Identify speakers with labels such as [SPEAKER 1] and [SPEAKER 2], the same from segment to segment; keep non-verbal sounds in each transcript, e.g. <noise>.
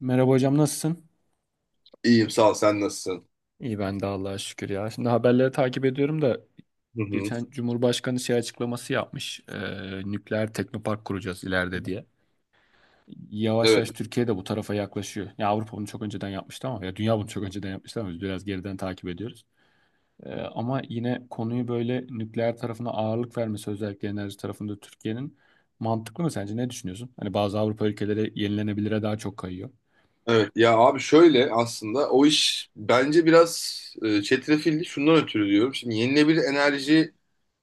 [SPEAKER 1] Merhaba hocam, nasılsın?
[SPEAKER 2] İyiyim sağ ol, sen nasılsın?
[SPEAKER 1] İyi, ben de Allah'a şükür ya. Şimdi haberleri takip ediyorum da
[SPEAKER 2] Hı hı.
[SPEAKER 1] geçen Cumhurbaşkanı şey açıklaması yapmış. Nükleer teknopark kuracağız ileride diye. Yavaş
[SPEAKER 2] Evet.
[SPEAKER 1] yavaş Türkiye de bu tarafa yaklaşıyor. Ya Avrupa bunu çok önceden yapmıştı ama ya dünya bunu çok önceden yapmıştı ama biz biraz geriden takip ediyoruz. Ama yine konuyu böyle nükleer tarafına ağırlık vermesi, özellikle enerji tarafında Türkiye'nin, mantıklı mı sence? Ne düşünüyorsun? Hani bazı Avrupa ülkeleri yenilenebilire daha çok kayıyor.
[SPEAKER 2] Evet ya abi, şöyle, aslında o iş bence biraz çetrefilli, şundan ötürü diyorum. Şimdi yenilebilir enerji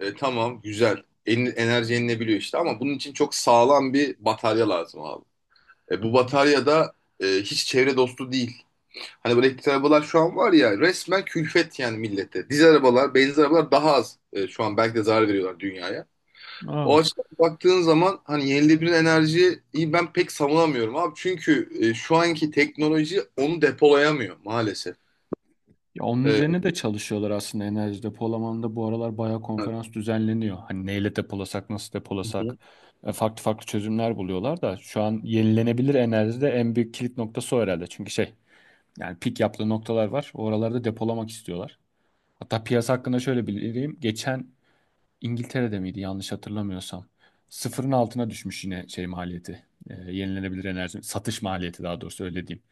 [SPEAKER 2] tamam, güzel, enerji yenilebiliyor işte, ama bunun için çok sağlam bir batarya lazım abi.
[SPEAKER 1] Hı
[SPEAKER 2] Bu
[SPEAKER 1] hı.
[SPEAKER 2] batarya da hiç çevre dostu değil. Hani böyle elektrikli arabalar şu an var ya, resmen külfet yani millete. Dizel arabalar, benzin arabalar daha az şu an, belki de zarar veriyorlar dünyaya. O
[SPEAKER 1] Aa.
[SPEAKER 2] açıdan baktığın zaman hani yenilenebilir enerjiyi ben pek savunamıyorum abi. Çünkü şu anki teknoloji onu depolayamıyor maalesef.
[SPEAKER 1] Ya onun
[SPEAKER 2] E,
[SPEAKER 1] üzerine de çalışıyorlar aslında, enerji depolamanda bu aralar bayağı
[SPEAKER 2] Hı
[SPEAKER 1] konferans düzenleniyor. Hani neyle depolasak, nasıl depolasak,
[SPEAKER 2] hı.
[SPEAKER 1] farklı farklı çözümler buluyorlar da şu an yenilenebilir enerjide en büyük kilit noktası o herhalde. Çünkü şey, yani pik yaptığı noktalar var. Oralarda depolamak istiyorlar. Hatta piyasa hakkında şöyle bildireyim. Geçen İngiltere'de miydi, yanlış hatırlamıyorsam. Sıfırın altına düşmüş yine şey maliyeti. Yenilenebilir enerji satış maliyeti, daha doğrusu öyle diyeyim.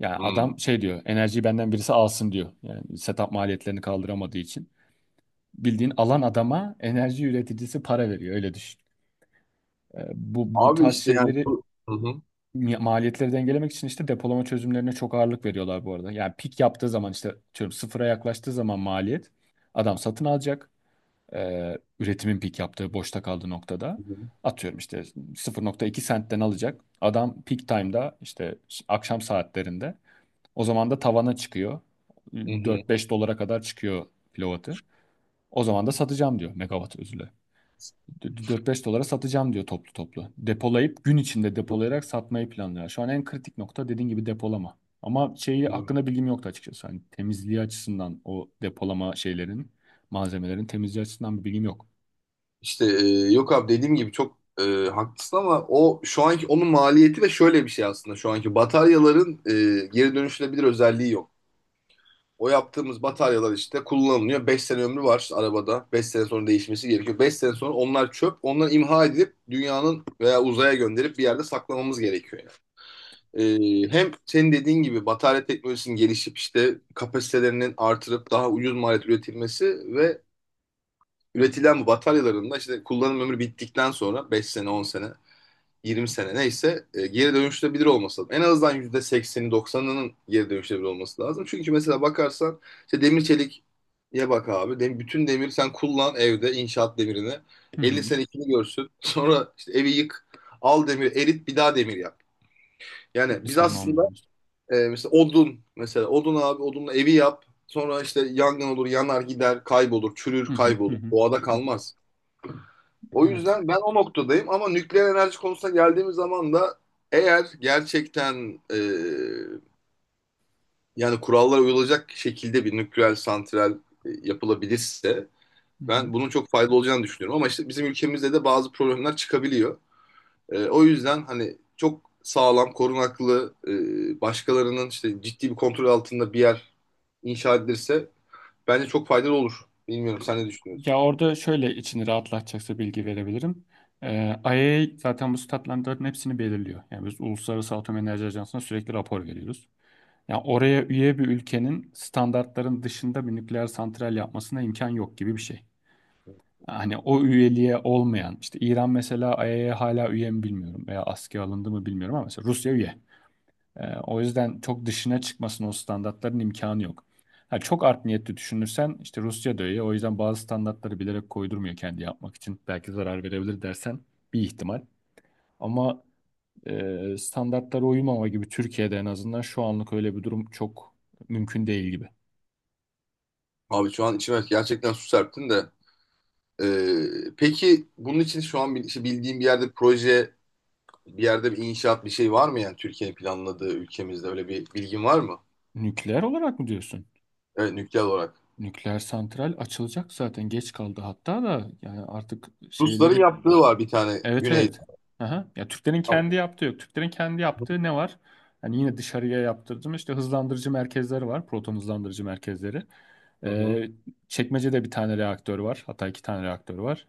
[SPEAKER 1] Yani
[SPEAKER 2] Hmm.
[SPEAKER 1] adam şey diyor, enerjiyi benden birisi alsın diyor. Yani setup maliyetlerini kaldıramadığı için. Bildiğin alan, adama enerji üreticisi para veriyor, öyle düşün. Bu
[SPEAKER 2] Abi
[SPEAKER 1] tarz
[SPEAKER 2] işte yani
[SPEAKER 1] şeyleri,
[SPEAKER 2] Hı hı.
[SPEAKER 1] maliyetleri dengelemek için işte depolama çözümlerine çok ağırlık veriyorlar bu arada. Yani pik yaptığı zaman, işte diyorum, sıfıra yaklaştığı zaman maliyet, adam satın alacak. Üretimin pik yaptığı, boşta kaldığı noktada atıyorum işte 0,2 sentten alacak. Adam peak time'da, işte akşam saatlerinde, o zaman da tavana çıkıyor.
[SPEAKER 2] Hı hı.
[SPEAKER 1] 4-5 dolara kadar çıkıyor kilovatı. O zaman da satacağım diyor, megawatt, özür dilerim. 4-5 dolara satacağım diyor toplu toplu. Depolayıp, gün içinde depolayarak satmayı planlıyor. Şu an en kritik nokta, dediğin gibi, depolama. Ama şeyi
[SPEAKER 2] Hı hı.
[SPEAKER 1] hakkında bilgim yoktu açıkçası. Hani temizliği açısından, o depolama şeylerin, malzemelerin temizliği açısından bir bilgim yok.
[SPEAKER 2] İşte yok abi, dediğim gibi çok haklısın, ama o şu anki onun maliyeti. Ve şöyle bir şey aslında, şu anki bataryaların geri dönüşülebilir özelliği yok. O yaptığımız bataryalar işte kullanılıyor. Beş sene ömrü var arabada. Beş sene sonra değişmesi gerekiyor. Beş sene sonra onlar çöp. Onları imha edilip dünyanın veya uzaya gönderip bir yerde saklamamız gerekiyor yani. Hem senin dediğin gibi batarya teknolojisinin gelişip işte kapasitelerinin artırıp daha ucuz maliyet üretilmesi ve üretilen bu bataryaların da işte kullanım ömrü bittikten sonra 5 sene, 10 sene, 20 sene neyse geri dönüştürebilir olması lazım. En azından %80'i 90'ının geri dönüştürebilir olması lazım. Çünkü mesela bakarsan işte demir çelik, ya bak abi. Bütün demir, sen kullan evde inşaat demirini.
[SPEAKER 1] Hı
[SPEAKER 2] 50
[SPEAKER 1] hı.
[SPEAKER 2] sene ikini görsün. <laughs> Sonra işte evi yık. Al demir erit, bir daha demir yap. Yani
[SPEAKER 1] Bir
[SPEAKER 2] biz
[SPEAKER 1] sorun
[SPEAKER 2] aslında
[SPEAKER 1] olmuyor, diyorsun.
[SPEAKER 2] mesela odun, mesela odun abi, odunla evi yap. Sonra işte yangın olur, yanar gider, kaybolur, çürür,
[SPEAKER 1] Hı hı, hı
[SPEAKER 2] kaybolur.
[SPEAKER 1] hı.
[SPEAKER 2] Doğada
[SPEAKER 1] Hı hı.
[SPEAKER 2] kalmaz. O
[SPEAKER 1] Evet.
[SPEAKER 2] yüzden ben o noktadayım. Ama nükleer enerji konusuna geldiğimiz zaman da eğer gerçekten yani kurallara uyulacak şekilde bir nükleer santral yapılabilirse
[SPEAKER 1] Hı hı.
[SPEAKER 2] ben bunun çok faydalı olacağını düşünüyorum. Ama işte bizim ülkemizde de bazı problemler çıkabiliyor. O yüzden hani çok sağlam, korunaklı, başkalarının işte ciddi bir kontrol altında bir yer inşa edilirse bence çok faydalı olur. Bilmiyorum, sen ne düşünüyorsun?
[SPEAKER 1] Ya orada şöyle, içini rahatlatacaksa bilgi verebilirim. IAEA zaten bu statlandırların hepsini belirliyor. Yani biz Uluslararası Atom Enerji Ajansı'na sürekli rapor veriyoruz. Yani oraya üye bir ülkenin standartların dışında bir nükleer santral yapmasına imkan yok gibi bir şey. Hani o üyeliğe olmayan, işte İran mesela, IAEA hala üye mi bilmiyorum veya askıya alındı mı bilmiyorum, ama mesela Rusya üye. O yüzden çok dışına çıkmasının, o standartların, imkanı yok. Ha, çok art niyetli düşünürsen, işte Rusya da öyle. O yüzden bazı standartları bilerek koydurmuyor kendi yapmak için. Belki zarar verebilir dersen, bir ihtimal. Ama standartlara uymama gibi Türkiye'de en azından şu anlık öyle bir durum çok mümkün değil gibi.
[SPEAKER 2] Abi şu an içime gerçekten su serptin de. Peki bunun için şu an işte bildiğim bir yerde proje, bir yerde bir inşaat, bir şey var mı yani? Türkiye'nin planladığı, ülkemizde öyle bir bilgin var mı?
[SPEAKER 1] Nükleer olarak mı diyorsun?
[SPEAKER 2] Evet, nükleer olarak.
[SPEAKER 1] Nükleer santral açılacak, zaten geç kaldı hatta da, yani artık
[SPEAKER 2] Rusların
[SPEAKER 1] şeyleri.
[SPEAKER 2] yaptığı var bir tane
[SPEAKER 1] Evet,
[SPEAKER 2] güneyde.
[SPEAKER 1] evet. Aha. Ya Türklerin
[SPEAKER 2] Tamam.
[SPEAKER 1] kendi yaptığı yok. Türklerin kendi yaptığı ne var? Hani yine dışarıya yaptırdım. İşte hızlandırıcı merkezleri var. Proton hızlandırıcı merkezleri.
[SPEAKER 2] Hı hı.
[SPEAKER 1] Ee, Çekmece'de bir tane reaktör var. Hatta iki tane reaktör var.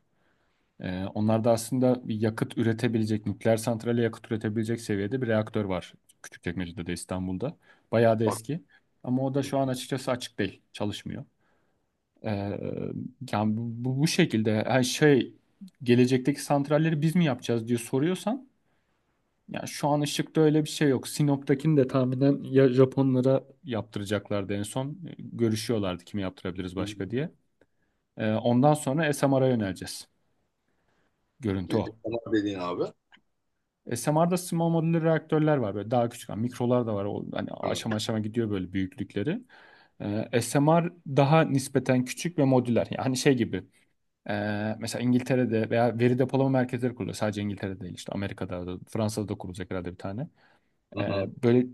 [SPEAKER 1] Onlarda aslında bir yakıt üretebilecek, nükleer santrale yakıt üretebilecek seviyede bir reaktör var. Küçükçekmece'de de, İstanbul'da. Bayağı da
[SPEAKER 2] Bak.
[SPEAKER 1] eski. Ama o da
[SPEAKER 2] Hı
[SPEAKER 1] şu an açıkçası açık değil. Çalışmıyor. Ee, yani bu şekilde, yani şey, gelecekteki santralleri biz mi yapacağız diye soruyorsan, yani şu an Işık'ta öyle bir şey yok. Sinop'takini de tahminen ya Japonlara yaptıracaklardı en son. Görüşüyorlardı kimi yaptırabiliriz
[SPEAKER 2] hı.
[SPEAKER 1] başka diye. Ondan sonra SMR'a yöneleceğiz. Görüntü o.
[SPEAKER 2] Tamam dediğin abi.
[SPEAKER 1] SMR'da small modular reaktörler var. Böyle daha küçük, yani mikrolar da var. O hani
[SPEAKER 2] Hı
[SPEAKER 1] aşama aşama gidiyor böyle büyüklükleri. SMR daha nispeten küçük ve modüler. Yani hani şey gibi. Mesela İngiltere'de veya veri depolama merkezleri kuruluyor. Sadece İngiltere'de değil, işte Amerika'da da Fransa'da da kurulacak herhalde bir tane. Ee,
[SPEAKER 2] hı.
[SPEAKER 1] böyle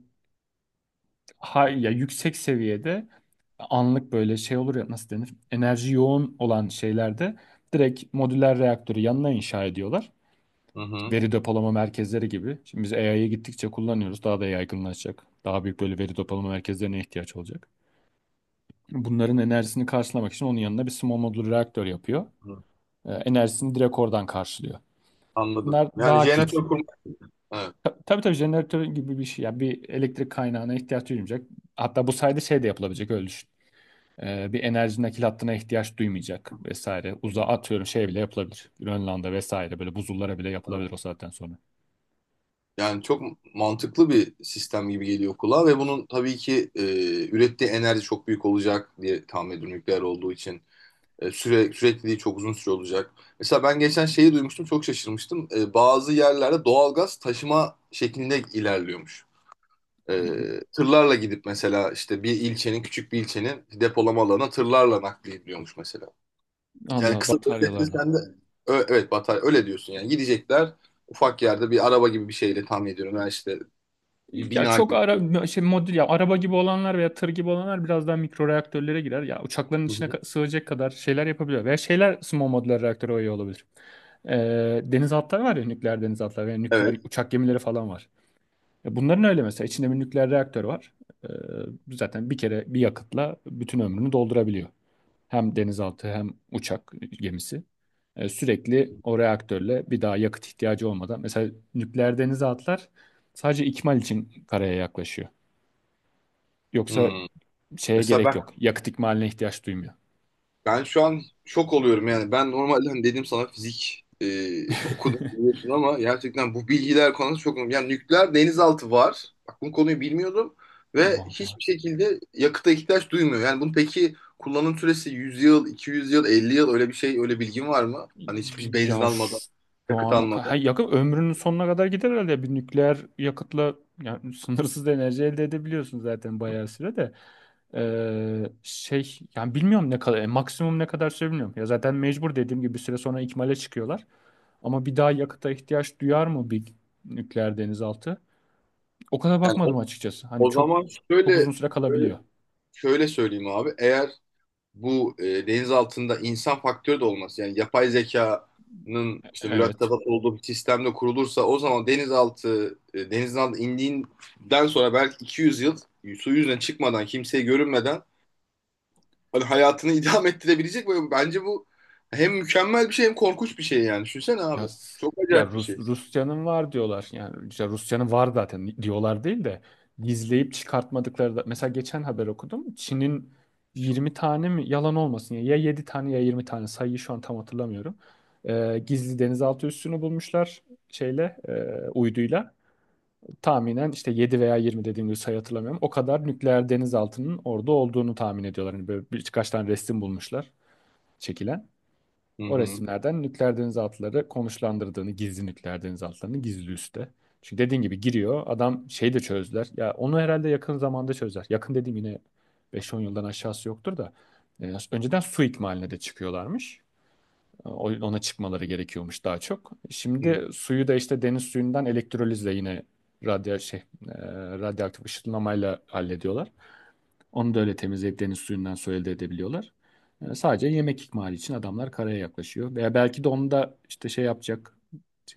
[SPEAKER 1] ha, ya yüksek seviyede anlık böyle şey olur ya, nasıl denir? Enerji yoğun olan şeylerde direkt modüler reaktörü yanına inşa ediyorlar.
[SPEAKER 2] Hı hı.
[SPEAKER 1] Veri depolama merkezleri gibi. Şimdi biz AI'ye gittikçe kullanıyoruz. Daha da yaygınlaşacak. Daha büyük böyle veri depolama merkezlerine ihtiyaç olacak. Bunların enerjisini karşılamak için onun yanına bir small modül reaktör yapıyor.
[SPEAKER 2] Hı.
[SPEAKER 1] Enerjisini direkt oradan karşılıyor.
[SPEAKER 2] Anladım.
[SPEAKER 1] Bunlar
[SPEAKER 2] Yani
[SPEAKER 1] daha küçük.
[SPEAKER 2] jeneratör kurmak. Evet.
[SPEAKER 1] Tabii, tabii, jeneratör gibi bir şey. Yani bir elektrik kaynağına ihtiyaç duymayacak. Hatta bu sayede şey de yapılabilecek, öyle düşün. Bir enerji nakil hattına ihtiyaç duymayacak vesaire.
[SPEAKER 2] Hı
[SPEAKER 1] Uzağa
[SPEAKER 2] hı.
[SPEAKER 1] atıyorum, şey bile yapılabilir. Grönland'a vesaire, böyle buzullara bile yapılabilir
[SPEAKER 2] Evet.
[SPEAKER 1] o saatten sonra.
[SPEAKER 2] Yani çok mantıklı bir sistem gibi geliyor kulağa. Ve bunun tabii ki ürettiği enerji çok büyük olacak diye tahmin ediyorum, nükleer olduğu için. Sürekliliği çok uzun süre olacak. Mesela ben geçen şeyi duymuştum, çok şaşırmıştım. Bazı yerlerde doğalgaz taşıma şeklinde ilerliyormuş. E, Tırlarla gidip mesela işte bir ilçenin, küçük bir ilçenin depolama alanına tırlarla naklediliyormuş mesela. Yani
[SPEAKER 1] Allah
[SPEAKER 2] kısa bir özetle
[SPEAKER 1] bataryalarla.
[SPEAKER 2] sen de evet, batarya öyle diyorsun yani. Gidecekler ufak yerde bir araba gibi bir şeyle, tahmin ediyorum. Yani işte bir
[SPEAKER 1] Ya
[SPEAKER 2] bina
[SPEAKER 1] çok
[SPEAKER 2] gibi.
[SPEAKER 1] ara şey, modül ya araba gibi olanlar veya tır gibi olanlar biraz daha mikro reaktörlere girer. Ya uçakların
[SPEAKER 2] Hı
[SPEAKER 1] içine
[SPEAKER 2] hı.
[SPEAKER 1] sığacak kadar şeyler yapabiliyor. Veya şeyler, small modular reaktörü oyu olabilir. Denizaltılar var ya, nükleer denizaltılar veya nükleer
[SPEAKER 2] Evet.
[SPEAKER 1] uçak gemileri falan var. Ya bunların öyle mesela içinde bir nükleer reaktör var. Ee, zaten bir kere bir yakıtla bütün ömrünü doldurabiliyor. Hem denizaltı hem uçak gemisi. Sürekli o reaktörle, bir daha yakıt ihtiyacı olmadan. Mesela nükleer denizaltılar sadece ikmal için karaya yaklaşıyor. Yoksa
[SPEAKER 2] Hmm.
[SPEAKER 1] şeye gerek
[SPEAKER 2] Mesela
[SPEAKER 1] yok. Yakıt ikmaline ihtiyaç duymuyor.
[SPEAKER 2] ben şu an şok oluyorum yani. Ben normalde hani dedim sana, fizik <laughs> okudum, biliyorsun, ama gerçekten bu bilgiler konusu çok önemli. Yani nükleer denizaltı var. Bak, bu konuyu bilmiyordum ve hiçbir
[SPEAKER 1] Vallahi.
[SPEAKER 2] şekilde yakıta ihtiyaç duymuyor. Yani bunun peki kullanım süresi 100 yıl, 200 yıl, 50 yıl öyle bir şey, öyle bilgin var mı? Hani hiçbir benzin
[SPEAKER 1] Ya
[SPEAKER 2] almadan,
[SPEAKER 1] şu
[SPEAKER 2] yakıt
[SPEAKER 1] an o
[SPEAKER 2] almadan.
[SPEAKER 1] ha, yakın ömrünün sonuna kadar gider herhalde. Bir nükleer yakıtla, yani sınırsız enerji elde edebiliyorsun zaten bayağı süre de. Şey yani, bilmiyorum ne kadar, maksimum ne kadar süre bilmiyorum. Ya zaten, mecbur dediğim gibi, bir süre sonra ikmale çıkıyorlar. Ama bir daha yakıta ihtiyaç duyar mı bir nükleer denizaltı? O kadar
[SPEAKER 2] Yani o,
[SPEAKER 1] bakmadım açıkçası. Hani
[SPEAKER 2] o
[SPEAKER 1] çok
[SPEAKER 2] zaman şöyle,
[SPEAKER 1] çok uzun süre
[SPEAKER 2] şöyle
[SPEAKER 1] kalabiliyor.
[SPEAKER 2] şöyle söyleyeyim abi. Eğer bu deniz altında insan faktörü de olması, yani yapay zekanın işte
[SPEAKER 1] Evet.
[SPEAKER 2] mürettebat olduğu bir sistemde kurulursa, o zaman denizaltı denizin altına indiğinden sonra belki 200 yıl su yüzüne çıkmadan, kimseye görünmeden hani hayatını <laughs> idame ettirebilecek. Böyle bence bu hem mükemmel bir şey hem korkunç bir şey, yani düşünsene abi,
[SPEAKER 1] Ya,
[SPEAKER 2] çok
[SPEAKER 1] ya
[SPEAKER 2] acayip bir
[SPEAKER 1] Rus,
[SPEAKER 2] şey.
[SPEAKER 1] Rusya'nın var diyorlar. Yani işte Rusya'nın var zaten diyorlar değil de, gizleyip çıkartmadıkları da. Mesela geçen haber okudum. Çin'in 20 tane mi, yalan olmasın ya, ya 7 tane ya 20 tane, sayıyı şu an tam hatırlamıyorum. Gizli denizaltı üssünü bulmuşlar şeyle, uyduyla. Tahminen işte 7 veya 20, dediğim gibi sayı hatırlamıyorum. O kadar nükleer denizaltının orada olduğunu tahmin ediyorlar. Hani böyle birkaç tane resim bulmuşlar çekilen.
[SPEAKER 2] Hı
[SPEAKER 1] O
[SPEAKER 2] hı.
[SPEAKER 1] resimlerden nükleer denizaltıları konuşlandırdığını, gizli nükleer denizaltılarını gizli üste. Çünkü dediğin gibi giriyor. Adam şeyi de çözdüler. Ya onu herhalde yakın zamanda çözler. Yakın dediğim yine 5-10 yıldan aşağısı yoktur da. Önceden su ikmaline de çıkıyorlarmış. Ona çıkmaları gerekiyormuş daha çok.
[SPEAKER 2] Hı.
[SPEAKER 1] Şimdi suyu da işte deniz suyundan elektrolizle yine radyo şey, e, radyoaktif ışınlamayla hallediyorlar. Onu da öyle temizleyip deniz suyundan su elde edebiliyorlar. Sadece yemek ikmali için adamlar karaya yaklaşıyor. Veya belki de onu da işte şey yapacak,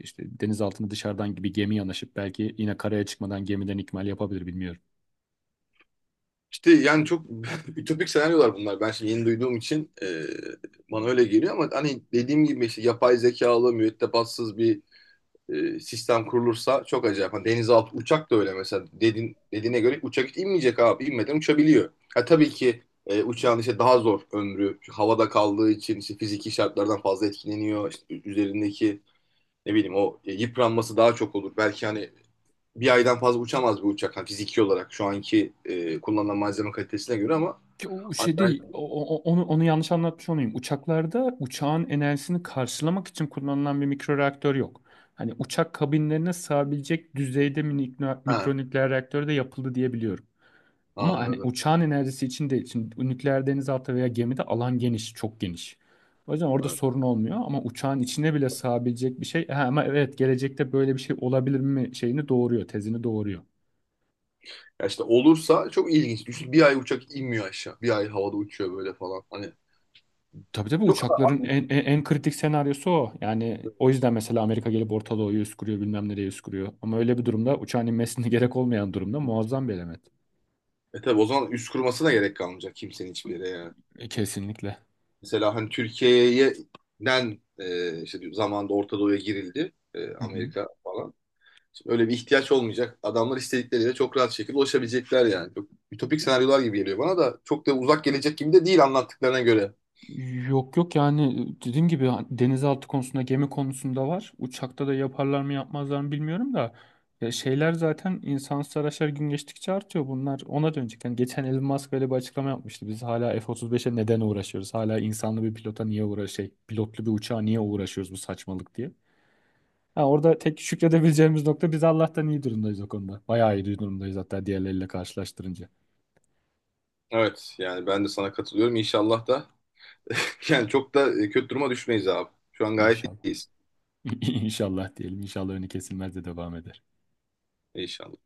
[SPEAKER 1] işte deniz altına dışarıdan gibi gemi yanaşıp belki yine karaya çıkmadan gemiden ikmal yapabilir, bilmiyorum.
[SPEAKER 2] İşte yani çok <laughs> ütopik senaryolar bunlar. Ben şimdi yeni duyduğum için bana öyle geliyor, ama hani dediğim gibi işte yapay zekalı, mürettebatsız bir sistem kurulursa çok acayip. Hani denizaltı uçak da öyle mesela, dedin, dediğine göre uçak hiç inmeyecek abi. İnmeden uçabiliyor. Ha, tabii ki uçağın işte daha zor ömrü. Çünkü havada kaldığı için işte fiziki şartlardan fazla etkileniyor. İşte üzerindeki, ne bileyim, o yıpranması daha çok olur. Belki hani bir aydan fazla uçamaz bir uçak, hani fiziki olarak şu anki kullanılan malzeme kalitesine göre. Ama
[SPEAKER 1] Ki o
[SPEAKER 2] hani
[SPEAKER 1] şey
[SPEAKER 2] ben
[SPEAKER 1] değil, onu yanlış anlatmış olayım. Uçaklarda, uçağın enerjisini karşılamak için kullanılan bir mikroreaktör yok. Hani uçak kabinlerine sığabilecek düzeyde minik,
[SPEAKER 2] ha,
[SPEAKER 1] mikronükleer reaktör de yapıldı diye biliyorum. Ama hani
[SPEAKER 2] anladım.
[SPEAKER 1] uçağın enerjisi için değil. Şimdi nükleer denizaltı veya gemide alan geniş, çok geniş. O yüzden orada
[SPEAKER 2] Evet.
[SPEAKER 1] sorun olmuyor ama uçağın içine bile sığabilecek bir şey. Ha, ama evet, gelecekte böyle bir şey olabilir mi şeyini doğuruyor, tezini doğuruyor.
[SPEAKER 2] Ya işte olursa çok ilginç. Düşün, bir ay uçak inmiyor aşağı. Bir ay havada uçuyor böyle falan. Hani
[SPEAKER 1] Tabii tabii,
[SPEAKER 2] çok.
[SPEAKER 1] uçakların en kritik senaryosu o. Yani o yüzden mesela Amerika gelip Orta Doğu'yu üst kuruyor, bilmem nereye üst kuruyor. Ama öyle bir durumda, uçağın inmesine <laughs> gerek olmayan durumda, muazzam bir element.
[SPEAKER 2] E tabi, o zaman üst kurmasına gerek kalmayacak kimsenin hiçbir yere yani.
[SPEAKER 1] Kesinlikle.
[SPEAKER 2] Mesela hani Türkiye'den işte bir zamanda Orta Doğu'ya girildi.
[SPEAKER 1] Hı hı.
[SPEAKER 2] Amerika falan. Şimdi öyle bir ihtiyaç olmayacak. Adamlar istedikleriyle çok rahat şekilde ulaşabilecekler yani. Çok ütopik senaryolar gibi geliyor bana, da çok da uzak gelecek gibi de değil anlattıklarına göre.
[SPEAKER 1] Yok yok, yani dediğim gibi hani, denizaltı konusunda, gemi konusunda var. Uçakta da yaparlar mı yapmazlar mı bilmiyorum da, ya şeyler, zaten insansız araçlar gün geçtikçe artıyor, bunlar ona dönecek. Yani geçen Elon Musk böyle bir açıklama yapmıştı. Biz hala F-35'e neden uğraşıyoruz? Hala insanlı bir pilota niye uğra şey pilotlu bir uçağa niye uğraşıyoruz, bu saçmalık, diye. Ha, orada tek şükredebileceğimiz nokta, biz Allah'tan iyi durumdayız o konuda. Bayağı iyi durumdayız hatta, diğerleriyle karşılaştırınca.
[SPEAKER 2] Evet yani ben de sana katılıyorum. İnşallah da <laughs> yani çok da kötü duruma düşmeyiz abi. Şu an gayet
[SPEAKER 1] İnşallah.
[SPEAKER 2] iyiyiz.
[SPEAKER 1] <laughs> İnşallah diyelim. İnşallah önü kesilmez de devam eder.
[SPEAKER 2] İnşallah.